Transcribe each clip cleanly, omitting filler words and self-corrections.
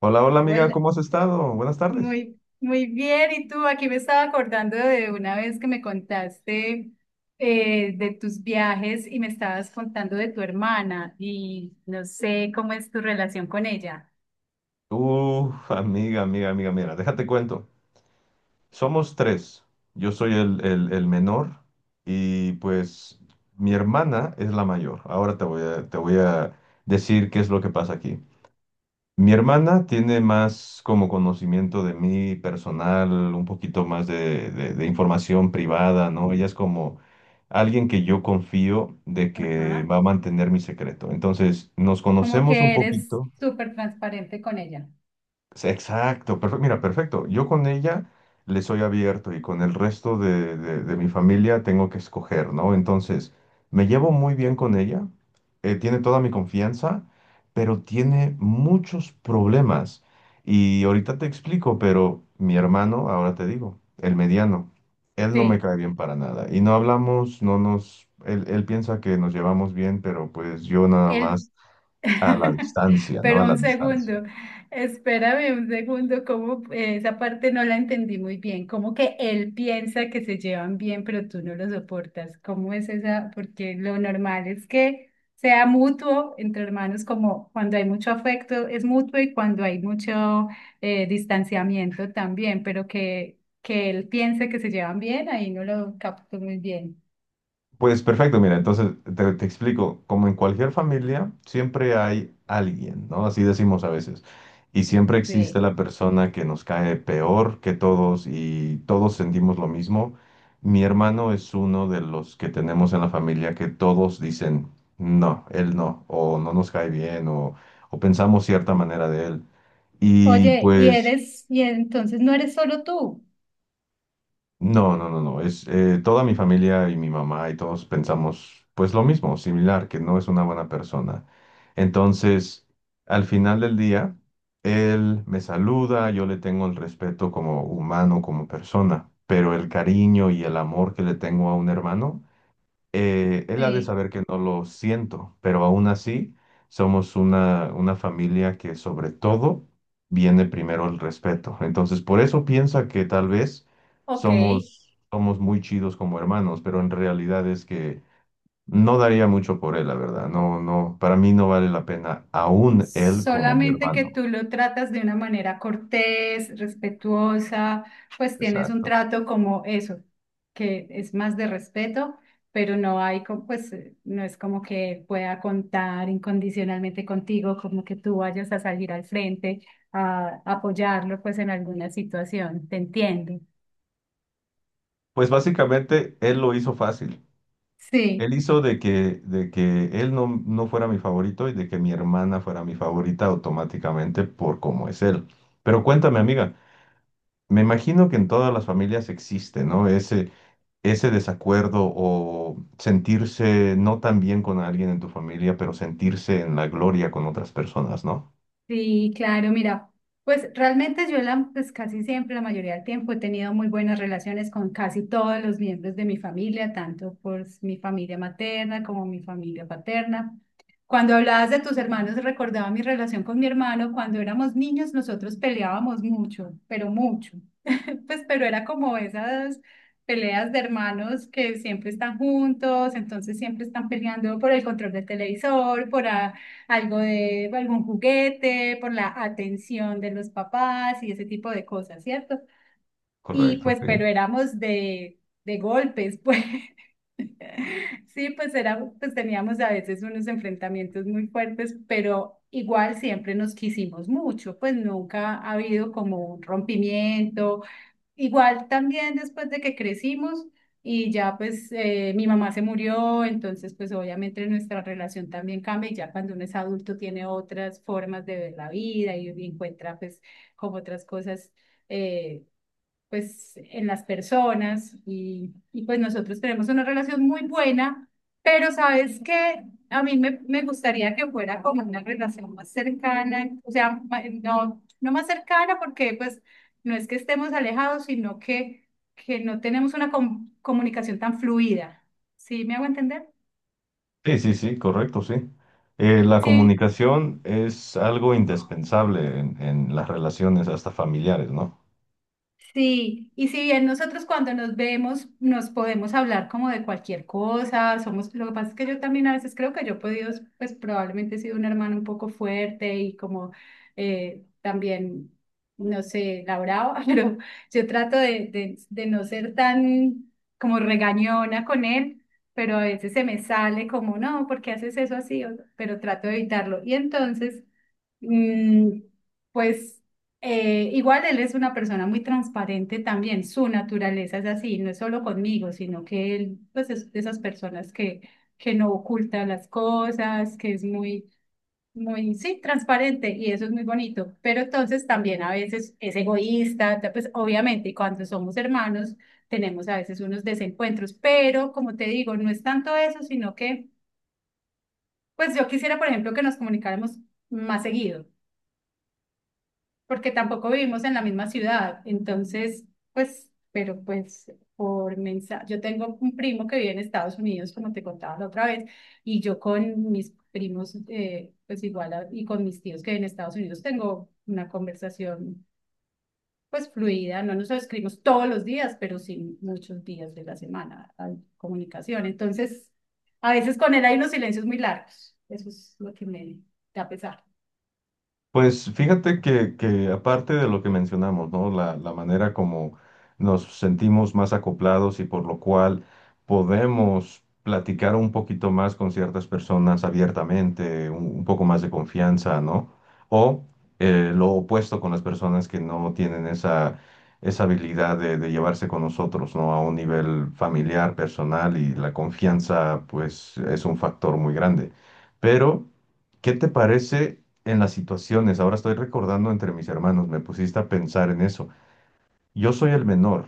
Hola, hola amiga, Hola, ¿cómo has estado? Buenas tardes. muy bien. ¿Y tú? Aquí me estaba acordando de una vez que me contaste de tus viajes y me estabas contando de tu hermana y no sé cómo es tu relación con ella. Uf, amiga, amiga, amiga, mira, déjate cuento. Somos tres. Yo soy el menor y pues mi hermana es la mayor. Ahora te voy a decir qué es lo que pasa aquí. Mi hermana tiene más como conocimiento de mí personal, un poquito más de información privada, ¿no? Ella es como alguien que yo confío de que Ajá. va a mantener mi secreto. Entonces, nos Como conocemos un que eres poquito. súper transparente con ella. Sí, exacto, perfecto. Mira, perfecto. Yo con ella le soy abierto y con el resto de mi familia tengo que escoger, ¿no? Entonces, me llevo muy bien con ella, tiene toda mi confianza, pero tiene muchos problemas. Y ahorita te explico, pero mi hermano, ahora te digo, el mediano, él no me Sí. cae bien para nada. Y no hablamos, no nos, él piensa que nos llevamos bien, pero pues yo nada El más a la distancia, ¿no? Pero A la un distancia. segundo, espérame un segundo, como esa parte no la entendí muy bien, como que él piensa que se llevan bien, pero tú no lo soportas, ¿cómo es esa? Porque lo normal es que sea mutuo entre hermanos, como cuando hay mucho afecto es mutuo y cuando hay mucho distanciamiento también, pero que él piense que se llevan bien, ahí no lo capto muy bien. Pues perfecto, mira, entonces te explico, como en cualquier familia, siempre hay alguien, ¿no? Así decimos a veces. Y siempre existe Sí. la persona que nos cae peor que todos y todos sentimos lo mismo. Mi hermano es uno de los que tenemos en la familia que todos dicen, no, él no, o no nos cae bien, o pensamos cierta manera de él. Y Oye, pues. Y entonces no eres solo tú. No, no, no, no. Es toda mi familia y mi mamá y todos pensamos pues lo mismo, similar, que no es una buena persona. Entonces, al final del día, él me saluda, yo le tengo el respeto como humano, como persona, pero el cariño y el amor que le tengo a un hermano, él ha de Sí. saber que no lo siento, pero aún así somos una familia que sobre todo viene primero el respeto. Entonces, por eso piensa que tal vez Ok, somos muy chidos como hermanos, pero en realidad es que no daría mucho por él, la verdad. No, no, para mí no vale la pena aún él como mi solamente que hermano. tú lo tratas de una manera cortés, respetuosa, pues tienes un Exacto. trato como eso, que es más de respeto, pero pues no es como que pueda contar incondicionalmente contigo, como que tú vayas a salir al frente a apoyarlo pues en alguna situación, te entiendo. Pues básicamente él lo hizo fácil. Él Sí. hizo de que él no fuera mi favorito y de que mi hermana fuera mi favorita automáticamente por cómo es él. Pero cuéntame, amiga, me imagino que en todas las familias existe, ¿no? Ese desacuerdo o sentirse no tan bien con alguien en tu familia, pero sentirse en la gloria con otras personas, ¿no? Sí, claro, mira, pues realmente pues casi siempre, la mayoría del tiempo he tenido muy buenas relaciones con casi todos los miembros de mi familia, tanto por mi familia materna como mi familia paterna. Cuando hablabas de tus hermanos, recordaba mi relación con mi hermano. Cuando éramos niños, nosotros peleábamos mucho, pero mucho pues, pero era como esas peleas de hermanos que siempre están juntos, entonces siempre están peleando por el control del televisor, por algo de algún juguete, por la atención de los papás y ese tipo de cosas, ¿cierto? Y Correcto, pues, sí. pero de golpes, pues. Sí, pues era, pues teníamos a veces unos enfrentamientos muy fuertes, pero igual siempre nos quisimos mucho, pues nunca ha habido como un rompimiento. Igual también después de que crecimos y ya pues mi mamá se murió, entonces pues obviamente nuestra relación también cambia y ya cuando uno es adulto tiene otras formas de ver la vida y encuentra pues como otras cosas eh, pues en las personas y pues nosotros tenemos una relación muy buena, pero sabes que me gustaría que fuera como una relación más cercana, o sea, no, no más cercana porque pues no es que estemos alejados, sino que no tenemos una comunicación tan fluida. ¿Sí me hago entender? Sí, sí, sí, correcto, sí. La Sí, comunicación es algo indispensable en las relaciones hasta familiares, ¿no? sí, y si bien nosotros cuando nos vemos nos podemos hablar como de cualquier cosa, somos, lo que pasa es que yo también a veces creo que pues probablemente he sido un hermano un poco fuerte y como también, no sé, la brava, pero yo trato de no ser tan como regañona con él, pero a veces se me sale como, no, ¿por qué haces eso así? O- Pero trato de evitarlo. Y entonces... Mm, pues igual él es una persona muy transparente también, su naturaleza es así, no es solo conmigo, sino que él pues es de esas personas que no oculta las cosas, que es sí, transparente y eso es muy bonito, pero entonces también a veces es egoísta, pues obviamente y cuando somos hermanos tenemos a veces unos desencuentros, pero como te digo, no es tanto eso, sino que pues yo quisiera, por ejemplo, que nos comunicáramos más seguido porque tampoco vivimos en la misma ciudad. Entonces, pues, pero pues por mensaje, yo tengo un primo que vive en Estados Unidos, como te contaba la otra vez, y yo con mis primos, pues igual, y con mis tíos que en Estados Unidos tengo una conversación pues fluida, no nos escribimos todos los días, pero sí muchos días de la semana hay comunicación. Entonces, a veces con él hay unos silencios muy largos. Eso es lo que me da pesar. Pues fíjate que aparte de lo que mencionamos, ¿no? La manera como nos sentimos más acoplados y por lo cual podemos platicar un poquito más con ciertas personas abiertamente, un poco más de confianza, ¿no? O lo opuesto con las personas que no tienen esa, esa habilidad de llevarse con nosotros, ¿no? A un nivel familiar, personal y la confianza, pues, es un factor muy grande. Pero, ¿qué te parece? En las situaciones. Ahora estoy recordando entre mis hermanos, me pusiste a pensar en eso. Yo soy el menor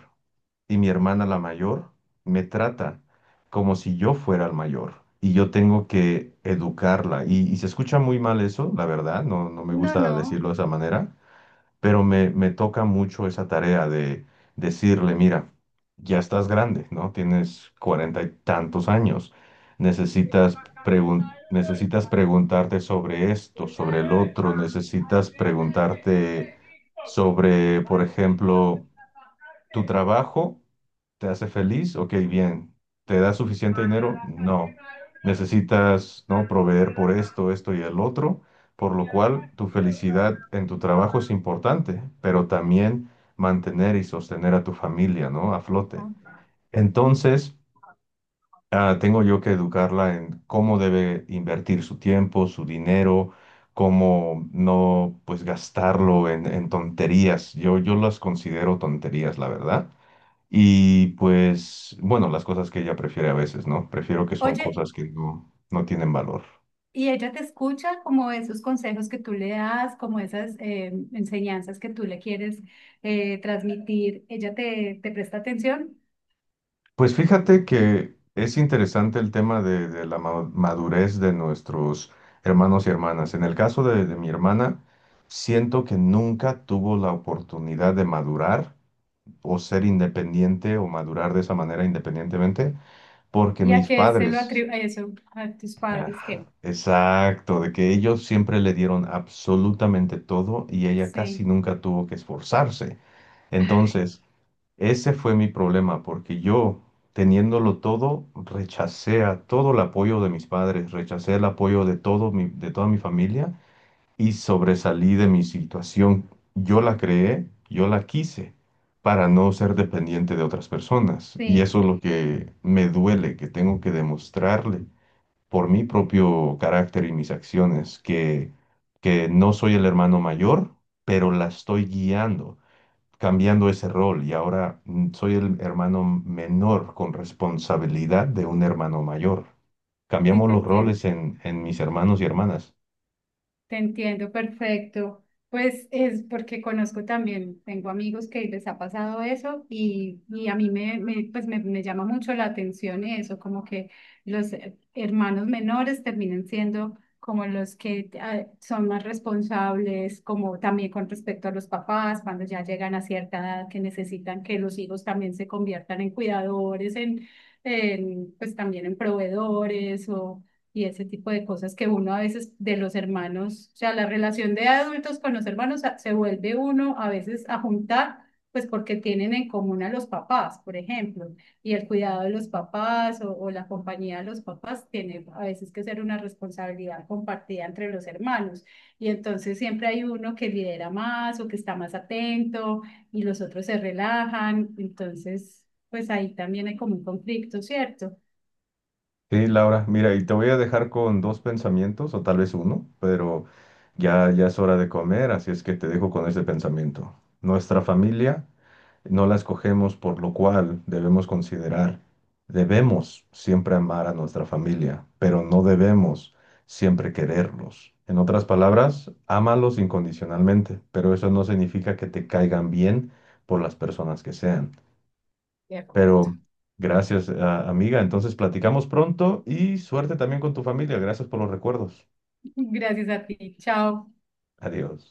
y mi hermana la mayor me trata como si yo fuera el mayor y yo tengo que educarla. Y se escucha muy mal eso, la verdad, no, no me No, gusta no. decirlo de esa manera, pero me toca mucho esa tarea de decirle, mira, ya estás grande, ¿no? Tienes cuarenta y tantos años, necesitas necesitas preguntarte sobre esto, sobre el otro, necesitas preguntarte sobre, por ejemplo, tu trabajo. ¿Te hace feliz? Ok, bien. ¿Te da suficiente dinero? No. Necesitas, ¿no? proveer por esto, esto y el otro, por lo cual tu felicidad en tu trabajo es importante, pero también mantener y sostener a tu familia, ¿no? A flote. Ajá. Entonces, ah, tengo yo que educarla en cómo debe invertir su tiempo, su dinero, cómo no, pues, gastarlo en tonterías. Yo las considero tonterías, la verdad y pues, bueno, las cosas que ella prefiere a veces, ¿no? Prefiero que son Oye, cosas que no tienen valor. y ella te escucha como esos consejos que tú le das, como esas enseñanzas que tú le quieres transmitir. Ella te presta atención Pues fíjate que es interesante el tema de la madurez de nuestros hermanos y hermanas. En el caso de mi hermana, siento que nunca tuvo la oportunidad de madurar o ser independiente o madurar de esa manera independientemente, porque y a mis qué se lo padres. atribuye eso a tus padres Ajá, que exacto, de que ellos siempre le dieron absolutamente todo y ella casi sí, nunca tuvo que esforzarse. ay, Entonces, ese fue mi problema, porque yo, teniéndolo todo, rechacé a todo el apoyo de mis padres, rechacé el apoyo de de toda mi familia y sobresalí de mi situación. Yo la creé, yo la quise para no ser dependiente de otras personas. Y sí, eso es lo que me duele, que tengo que demostrarle por mi propio carácter y mis acciones, que no soy el hermano mayor, pero la estoy guiando, cambiando ese rol y ahora soy el hermano menor con responsabilidad de un hermano mayor. sí Cambiamos te los entiendo. roles en mis hermanos y hermanas. Te entiendo, perfecto. Pues es porque conozco también, tengo amigos que les ha pasado eso y a mí me, me, pues me llama mucho la atención eso, como que los hermanos menores terminen siendo como los que son más responsables, como también con respecto a los papás, cuando ya llegan a cierta edad que necesitan que los hijos también se conviertan en cuidadores, en, pues también en proveedores o y ese tipo de cosas que uno a veces de los hermanos, o sea, la relación de adultos con los hermanos se vuelve uno a veces a juntar, pues porque tienen en común a los papás, por ejemplo, y el cuidado de los papás o la compañía de los papás tiene a veces que ser una responsabilidad compartida entre los hermanos. Y entonces siempre hay uno que lidera más o que está más atento y los otros se relajan, entonces, pues ahí también hay como un conflicto, ¿cierto? Sí, Laura, mira, y te voy a dejar con dos pensamientos, o tal vez uno, pero ya, ya es hora de comer, así es que te dejo con ese pensamiento. Nuestra familia no la escogemos, por lo cual debemos considerar, debemos siempre amar a nuestra familia, pero no debemos siempre quererlos. En otras palabras, ámalos incondicionalmente, pero eso no significa que te caigan bien por las personas que sean. De Pero acuerdo. gracias, amiga. Entonces platicamos pronto y suerte también con tu familia. Gracias por los recuerdos. Gracias a ti. Chao. Adiós.